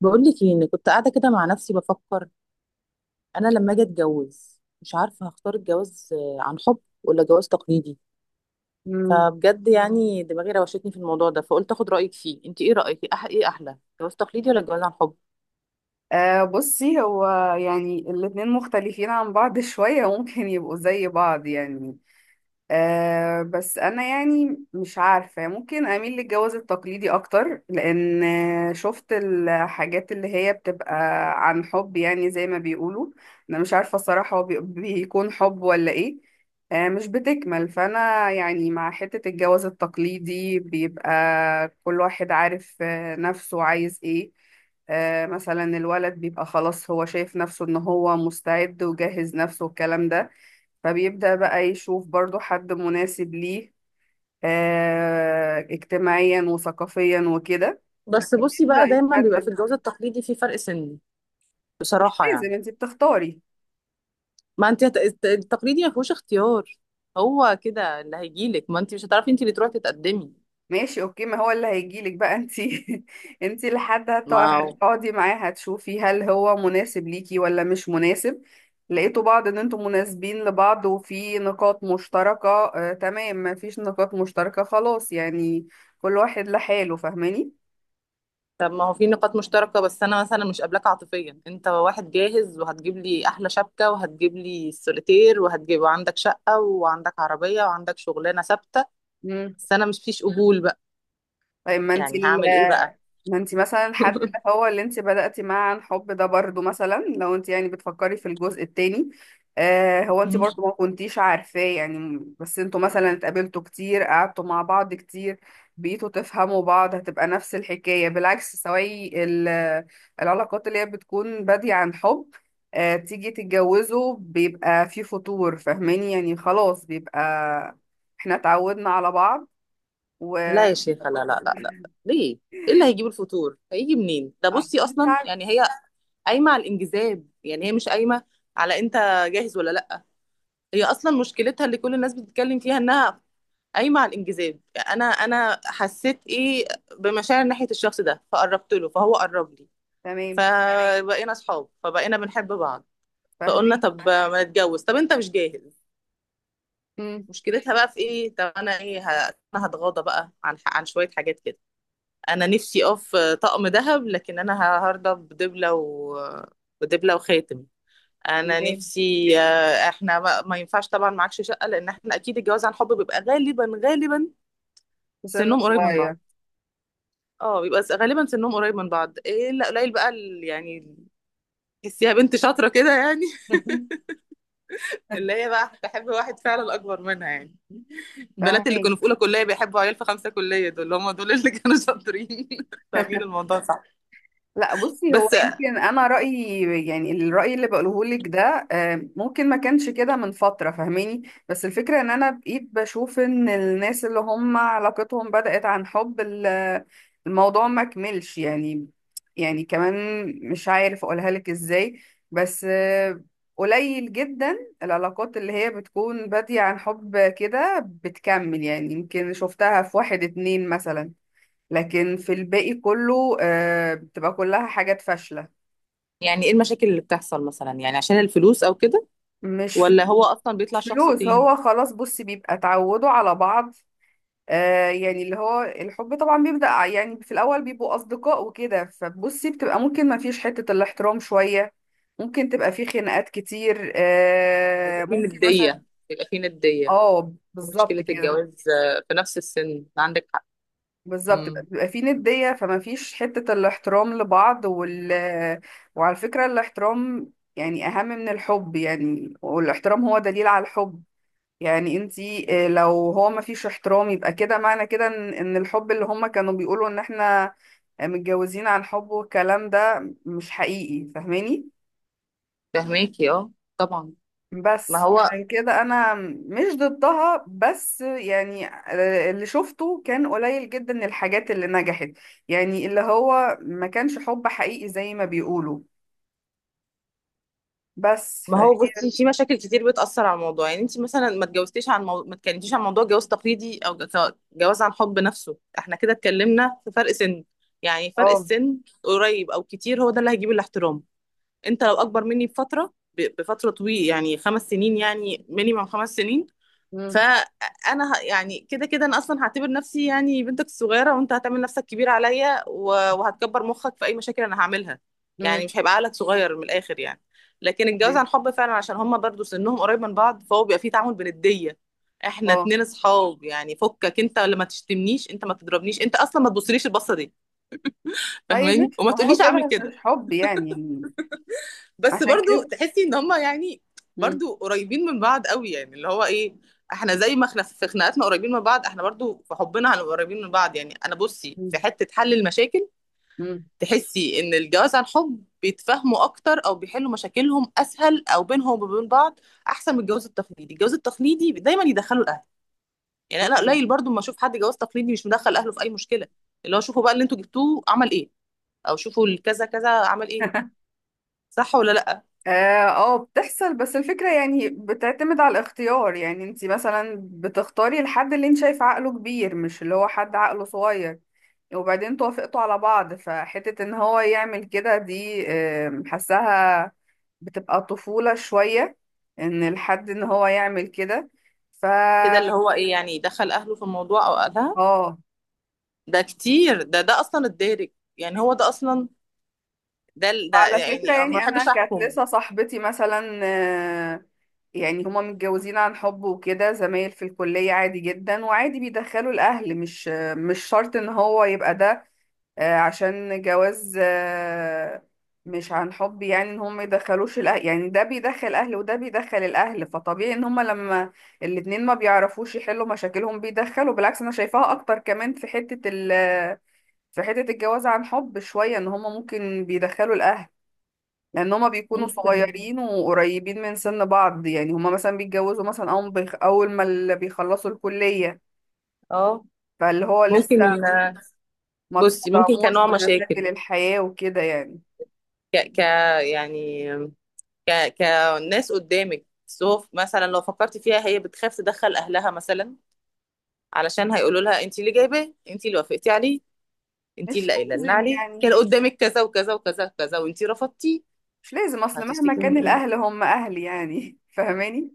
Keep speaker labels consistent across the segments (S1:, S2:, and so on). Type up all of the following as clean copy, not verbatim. S1: بقول لك ايه؟ إني كنت قاعده كده مع نفسي بفكر، انا لما اجي اتجوز مش عارفه هختار الجواز، عن حب ولا جواز تقليدي.
S2: مم.
S1: فبجد يعني دماغي روشتني في الموضوع ده، فقلت اخد رايك فيه. انت ايه رايك؟ إيه ايه احلى، جواز تقليدي ولا جواز عن حب؟
S2: بصي هو، يعني الاتنين مختلفين عن بعض شوية ممكن يبقوا زي بعض يعني. بس انا يعني مش عارفة، ممكن اميل للجواز التقليدي اكتر لان شفت الحاجات اللي هي بتبقى عن حب يعني زي ما بيقولوا. انا مش عارفة الصراحة، هو بيكون حب ولا ايه. مش بتكمل، فانا يعني مع حتة الجواز التقليدي بيبقى كل واحد عارف نفسه عايز ايه. مثلا الولد بيبقى خلاص هو شايف نفسه ان هو مستعد وجهز نفسه والكلام ده. فبيبدأ بقى يشوف برضو حد مناسب ليه اجتماعيا وثقافيا وكده،
S1: بس بصي بقى،
S2: يبدأ
S1: دايما بيبقى في
S2: يتقدم.
S1: الجواز التقليدي في فرق سن
S2: مش
S1: بصراحه
S2: لازم
S1: يعني.
S2: انت بتختاري.
S1: ما انت التقليدي ما فيهوش اختيار، هو كده اللي هيجيلك، ما انت مش هتعرفي انت اللي تروحي تتقدمي.
S2: ماشي اوكي، ما هو اللي هيجيلك بقى انت. انت لحد
S1: ما
S2: هتقعدي معاه هتشوفي هل هو مناسب ليكي ولا مش مناسب. لقيتوا بعض ان انتم مناسبين لبعض وفي نقاط مشتركة تمام. ما فيش نقاط مشتركة خلاص، يعني كل واحد لحاله. فاهماني؟
S1: طب ما هو في نقاط مشتركة، بس أنا مثلا مش قابلاك عاطفيا. أنت واحد جاهز وهتجيب لي أحلى شبكة وهتجيب لي السوليتير وهتجيب، وعندك شقة وعندك عربية وعندك شغلانة ثابتة، بس أنا مش فيش قبول بقى،
S2: طيب ما انت
S1: يعني هعمل إيه بقى؟
S2: ما انت مثلا الحد اللي هو اللي انت بدأتي معاه عن حب ده، برضو مثلا لو انت يعني بتفكري في الجزء التاني. هو انت
S1: مم.
S2: برضو ما كنتيش عارفاه يعني، بس انتوا مثلا اتقابلتوا كتير قعدتوا مع بعض كتير بقيتوا تفهموا بعض. هتبقى نفس الحكاية بالعكس، سواء العلاقات اللي هي بتكون بادية عن حب تيجي تتجوزوا بيبقى في فتور. فاهماني يعني؟ خلاص بيبقى احنا اتعودنا على بعض و آه،
S1: لا يا شيخة، لا لا لا لا. ليه؟ إيه اللي هيجيب الفطور؟ هيجي منين؟ ده بصي
S2: مش
S1: أصلا
S2: عارفة.
S1: يعني هي قايمة على الانجذاب، يعني هي مش قايمة على أنت جاهز ولا لأ. هي أصلا مشكلتها اللي كل الناس بتتكلم فيها إنها قايمه على الانجذاب. انا حسيت ايه، بمشاعر ناحيه الشخص ده فقربت له فهو قرب لي،
S2: تمام.
S1: فبقينا اصحاب فبقينا بنحب بعض، فقلنا
S2: فاهمين.
S1: طب ما نتجوز، طب انت مش جاهز.
S2: مم.
S1: مشكلتها بقى في ايه؟ طب انا ايه انا هتغاضى بقى عن شويه حاجات كده. انا نفسي اقف طقم ذهب، لكن انا هرضى بدبله وخاتم. انا
S2: تمام.
S1: نفسي احنا ما ينفعش طبعا معكش شقه، لان احنا اكيد الجواز عن حب بيبقى غالبا غالبا
S2: لسن
S1: سنهم قريب من
S2: صغير.
S1: بعض. اه بيبقى غالبا سنهم قريب من بعض، ايه لا قليل بقى يعني تحسيها بنت شاطره كده يعني، اللي هي بقى تحب واحد فعلا اكبر منها يعني. البنات اللي
S2: فاهمين.
S1: كانوا في اولى كليه بيحبوا عيال في 5 كليه، دول هم دول اللي كانوا شاطرين. فاهمين الموضوع صح؟
S2: لا بصي هو،
S1: بس
S2: يمكن انا رايي يعني الراي اللي بقوله لك ده ممكن ما كانش كده من فتره. فاهماني؟ بس الفكره ان انا بقيت بشوف ان الناس اللي هم علاقتهم بدات عن حب الموضوع ما كملش يعني. يعني كمان مش عارف اقولها لك ازاي، بس قليل جدا العلاقات اللي هي بتكون بادية عن حب كده بتكمل. يعني يمكن شفتها في واحد اتنين مثلا، لكن في الباقي كله بتبقى كلها حاجات فاشلة.
S1: يعني ايه المشاكل اللي بتحصل مثلا؟ يعني عشان الفلوس او كده،
S2: مش فلوس.
S1: ولا هو اصلا بيطلع
S2: مش
S1: شخص
S2: فلوس،
S1: تاني؟
S2: هو خلاص بصي بيبقى اتعودوا على بعض. يعني اللي هو الحب طبعا بيبدأ يعني في الأول بيبقوا أصدقاء وكده، فبصي بتبقى ممكن ما فيش حتة الاحترام شوية. ممكن تبقى في خناقات كتير،
S1: بيبقى فيه
S2: ممكن مثلا.
S1: نديه، بيبقى فيه نديه.
S2: اه بالظبط
S1: ومشكله
S2: كده.
S1: الجواز في نفس السن، عندك حق.
S2: بالظبط،
S1: امم،
S2: بيبقى في ندية فما فيش حتة الاحترام لبعض وعلى فكرة الاحترام يعني أهم من الحب، يعني والاحترام هو دليل على الحب. يعني انتي، لو هو ما فيش احترام يبقى كده، معنى كده ان إن الحب اللي هما كانوا بيقولوا ان احنا متجوزين عن حب والكلام ده مش حقيقي. فاهماني؟
S1: فاهماكي اه، طبعا. ما
S2: بس
S1: هو
S2: عشان كده انا مش ضدها، بس يعني اللي شفته كان قليل جدا الحاجات اللي نجحت، يعني اللي هو ما كانش حب حقيقي زي ما بيقولوا. بس
S1: ما هو
S2: فهي.
S1: بصي في مشاكل كتير بتأثر على الموضوع. يعني انت مثلا ما اتجوزتيش عن ما اتكلمتيش عن موضوع جواز تقليدي او جواز عن حب نفسه، احنا كده اتكلمنا في فرق سن. يعني فرق
S2: اه.
S1: السن قريب او كتير هو ده اللي هيجيب الاحترام. انت لو اكبر مني بفترة، بفترة طويلة، يعني 5 سنين، يعني مينيمم 5 سنين،
S2: امم.
S1: فانا يعني كده كده انا اصلا هعتبر نفسي يعني بنتك الصغيره، وانت هتعمل نفسك كبير عليا وهتكبر مخك في اي مشاكل انا هعملها، يعني
S2: امم.
S1: مش هيبقى عقلك صغير من الاخر يعني. لكن الجواز
S2: تمام.
S1: عن حب فعلا عشان هما برضو سنهم قريب من بعض، فهو بيبقى فيه تعامل بنديه. احنا
S2: اه.
S1: اتنين اصحاب يعني، فكك، انت اللي ما تشتمنيش، انت ما تضربنيش، انت اصلا ما تبصليش البصه دي،
S2: طيب
S1: فاهماني،
S2: ماشي،
S1: وما
S2: ما هو
S1: تقوليش اعمل
S2: كده
S1: كده.
S2: مش حب يعني
S1: بس
S2: عشان
S1: برضو
S2: كده.
S1: تحسي ان هما يعني
S2: امم.
S1: برضو قريبين من بعض قوي، يعني اللي هو ايه، احنا زي ما احنا في خناقاتنا قريبين من بعض، احنا برضو في حبنا هنبقى قريبين من بعض. يعني انا بصي في حتة حل المشاكل،
S2: امم.
S1: تحسي ان الجواز عن حب بيتفاهموا اكتر او بيحلوا مشاكلهم اسهل او بينهم وبين بعض احسن من الجواز التقليدي؟ الجواز التقليدي دايما يدخلوا الاهل، يعني انا
S2: امم.
S1: قليل برضو ما اشوف حد جواز تقليدي مش مدخل اهله في اي مشكلة. اللي هو شوفوا بقى اللي انتوا جبتوه عمل ايه، او شوفوا الكذا كذا عمل ايه، صح ولا لا؟
S2: اه، بتحصل، بس الفكرة يعني بتعتمد على الاختيار، يعني انت مثلا بتختاري الحد اللي انت شايف عقله كبير مش اللي هو حد عقله صغير. وبعدين توافقتوا على بعض، فحتة ان هو يعمل كده دي حاساها بتبقى طفولة شوية، ان الحد ان هو يعمل كده. ف.
S1: كده اللي هو ايه، يعني دخل اهله في الموضوع او اهلها؟
S2: اه.
S1: ده كتير، ده اصلا الدارج، يعني هو ده اصلا ده ده
S2: وعلى فكرة
S1: يعني، أنا ما
S2: يعني أنا
S1: بحبش
S2: كانت
S1: احكم.
S2: لسه صاحبتي مثلا، آه، يعني هما متجوزين عن حب وكده زمايل في الكلية عادي جدا، وعادي بيدخلوا الأهل. مش مش شرط إن هو يبقى ده عشان جواز مش عن حب، يعني إن هما يدخلوش الأهل. يعني ده بيدخل أهل وده بيدخل الأهل، فطبيعي إن هما لما الاتنين ما بيعرفوش يحلوا مشاكلهم بيدخلوا. بالعكس أنا شايفاها أكتر كمان في حتة في حتة الجواز عن حب شوية إن هما ممكن بيدخلوا الأهل، لان هما بيكونوا
S1: ممكن
S2: صغيرين وقريبين من سن بعض. يعني هما مثلا بيتجوزوا مثلا اول اول ما اللي بيخلصوا الكلية،
S1: اه
S2: فاللي هو لسه
S1: ممكن.
S2: ما
S1: بصي ممكن
S2: تصدموش
S1: كنوع
S2: بمشاكل
S1: مشاكل،
S2: الحياة وكده يعني.
S1: ك ك يعني ك كناس قدامك، بس هو مثلا لو فكرتي فيها، هي بتخاف تدخل اهلها مثلا علشان هيقولوا لها انت اللي جايباه، انت اللي وافقتي عليه، انت
S2: مش
S1: اللي قايله لنا
S2: لازم
S1: عليه
S2: يعني،
S1: كان قدامك كذا وكذا وكذا وكذا وانت رفضتي.
S2: مش لازم، اصل مهما
S1: هتشتكي
S2: كان
S1: من ايه؟
S2: الاهل هم اهل يعني. فاهماني.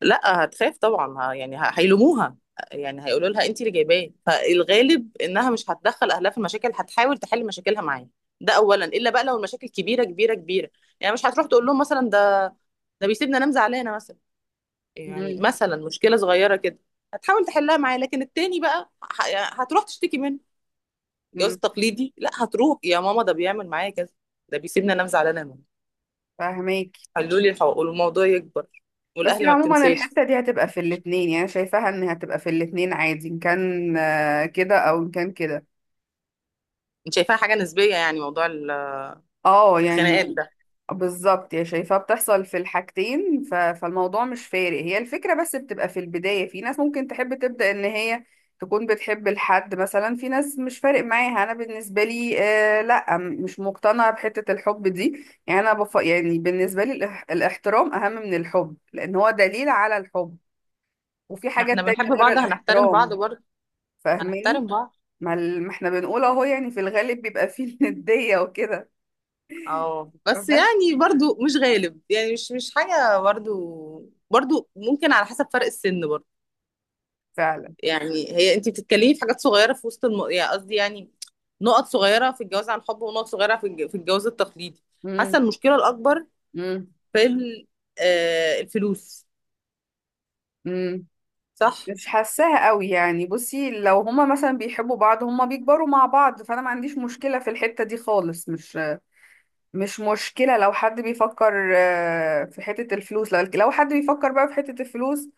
S1: لا هتخاف طبعا، يعني هيلوموها، يعني هيقولوا لها انت اللي جايباه. فالغالب انها مش هتدخل اهلها في المشاكل، هتحاول تحل مشاكلها معاه، ده اولا. الا بقى لو المشاكل كبيره كبيره كبيره، يعني مش هتروح تقول لهم مثلا ده ده بيسيبني انام زعلانه مثلا، يعني
S2: امم.
S1: مثلا مشكله صغيره كده هتحاول تحلها معاه. لكن التاني بقى يعني هتروح تشتكي منه، الجواز
S2: امم.
S1: التقليدي، لا هتروح يا ماما ده بيعمل معايا كذا، ده بيسيبني انام زعلانه يا ماما،
S2: فاهماكي.
S1: حلوا لي الحقوق، والموضوع يكبر،
S2: بس هي
S1: والاهل ما
S2: عموما
S1: بتنساش.
S2: الحتة دي هتبقى في الاتنين، يعني أنا شايفاها ان هتبقى في الاتنين عادي، ان كان كده او ان كان كده.
S1: انت شايفاها حاجه نسبيه يعني موضوع
S2: اه
S1: الخناقات
S2: يعني
S1: ده؟
S2: بالظبط، يا شايفاه بتحصل في الحاجتين، فالموضوع مش فارق. هي الفكرة بس بتبقى في البداية، في ناس ممكن تحب تبدأ ان هي تكون بتحب الحد مثلا، في ناس مش فارق معاها. انا بالنسبة لي لا، مش مقتنعة بحتة الحب دي يعني، انا يعني بالنسبة لي الاحترام اهم من الحب لان هو دليل على الحب. وفي حاجات
S1: احنا بنحب
S2: تانية غير
S1: بعض هنحترم بعض
S2: الاحترام.
S1: برضه،
S2: فاهماني؟
S1: هنحترم بعض.
S2: ما, ما احنا بنقول اهو، يعني في الغالب بيبقى فيه الندية وكده.
S1: اه بس
S2: بس.
S1: يعني برضه مش غالب، يعني مش مش حاجة برضه. برضه ممكن على حسب فرق السن برضه.
S2: فعلا.
S1: يعني هي انت بتتكلمي في حاجات صغيرة في وسط يعني قصدي يعني نقط صغيرة في الجواز عن حب، ونقط صغيرة في في الجواز التقليدي.
S2: مم.
S1: حاسة المشكلة الأكبر
S2: مم.
S1: في آه الفلوس،
S2: مم.
S1: صح؟
S2: مش حاساها قوي، يعني بصي لو هما مثلا بيحبوا بعض هما بيكبروا مع بعض فانا ما عنديش مشكلة في الحتة دي خالص. مش مشكلة لو حد بيفكر في حتة الفلوس. لو حد بيفكر بقى في حتة الفلوس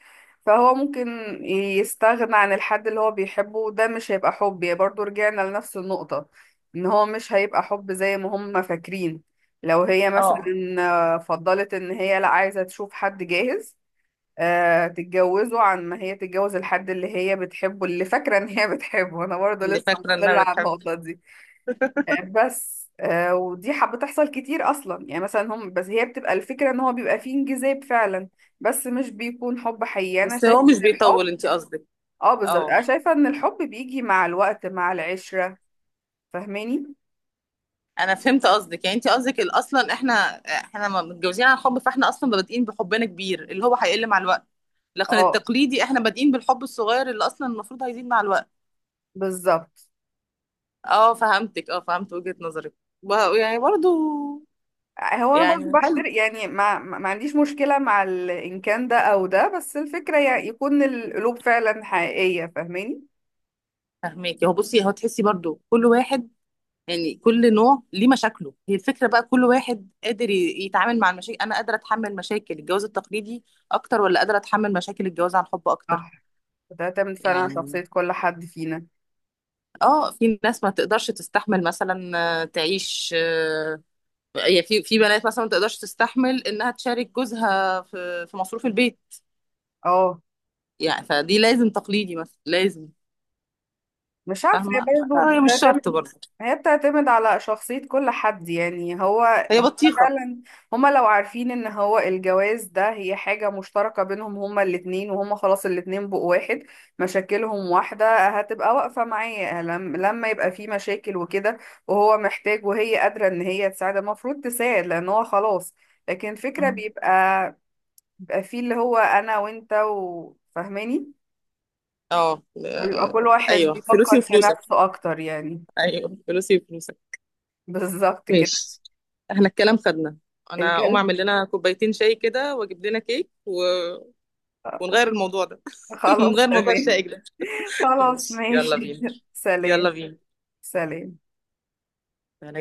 S2: فهو ممكن يستغنى عن الحد اللي هو بيحبه، وده مش هيبقى حب يعني. برضو رجعنا لنفس النقطة، ان هو مش هيبقى حب زي ما هما فاكرين. لو هي مثلا
S1: اه
S2: فضلت ان هي لا عايزة تشوف حد جاهز، تتجوزه عن ما هي تتجوز الحد اللي هي بتحبه، اللي فاكرة ان هي بتحبه. انا برضه
S1: اللي
S2: لسه
S1: فاكرة انها
S2: مصرة على
S1: بتحب،
S2: النقطة دي، بس ودي حب بتحصل كتير اصلا، يعني مثلا هم بس هي بتبقى الفكرة ان هو بيبقى فيه انجذاب فعلا، بس مش بيكون حب حقيقي، انا
S1: بس هو
S2: شايفة
S1: مش
S2: ان الحب.
S1: بيطول، انت قصدك؟
S2: اه بالظبط،
S1: اه
S2: انا شايفة ان الحب بيجي مع الوقت مع العشرة. فاهماني؟
S1: انا فهمت قصدك. يعني انت قصدك اصلا احنا احنا ما متجوزين عن حب، فاحنا اصلا بادئين بحبنا كبير اللي هو هيقل مع الوقت، لكن
S2: اه
S1: التقليدي احنا بادئين بالحب الصغير اللي اصلا المفروض هيزيد مع الوقت.
S2: بالظبط.
S1: اه فهمتك، اه فهمت وجهة نظرك يعني برضو،
S2: هو انا برضه
S1: يعني حلو.
S2: بحترق يعني، ما عنديش مشكلة مع ان كان ده او ده. بس الفكرة يعني يكون القلوب فعلا حقيقية. فاهماني؟
S1: فهميك. هو بصي هو تحسي برضو كل واحد، يعني كل نوع ليه مشاكله، هي الفكرة بقى كل واحد قادر يتعامل مع المشاكل. انا قادرة اتحمل مشاكل الجواز التقليدي اكتر، ولا قادرة اتحمل مشاكل الجواز عن حب اكتر؟
S2: صح. وتعتمد فعلا على
S1: يعني
S2: شخصية كل حد فينا.
S1: اه، في ناس ما تقدرش تستحمل مثلا، تعيش، يعني في بنات مثلا ما تقدرش تستحمل انها تشارك جوزها في مصروف البيت،
S2: اه،
S1: يعني فدي لازم تقليدي مثلا، لازم.
S2: مش عارفة هي
S1: فاهمه،
S2: برضه
S1: هي مش شرط
S2: بتعتمد،
S1: برضه،
S2: هي بتعتمد على شخصية كل حد يعني.
S1: هي
S2: هو
S1: بطيخه.
S2: فعلا. هما لو عارفين ان هو الجواز ده هي حاجة مشتركة بينهم هما الاتنين، وهما خلاص الاتنين بقوا واحد، مشاكلهم واحدة، هتبقى واقفة معاه لما يبقى في مشاكل وكده. وهو محتاج وهي قادرة ان هي تساعد، المفروض تساعد لان هو خلاص. لكن فكرة
S1: مم.
S2: بيبقى فيه اللي هو انا وانت، وفاهماني
S1: اه
S2: بيبقى كل واحد
S1: ايوه فلوسي
S2: بيفكر في
S1: وفلوسك،
S2: نفسه اكتر يعني.
S1: ايوه فلوسي وفلوسك.
S2: بالظبط كده.
S1: ماشي، احنا الكلام خدنا، انا اقوم
S2: الكلب.
S1: اعمل لنا كوبايتين شاي كده واجيب لنا ونغير الموضوع ده.
S2: خلاص
S1: نغير موضوع
S2: تمام.
S1: الشائك ده.
S2: خلاص
S1: ماشي يلا
S2: ماشي.
S1: بينا، يلا
S2: سلام.
S1: بينا،
S2: سلام.
S1: سلام.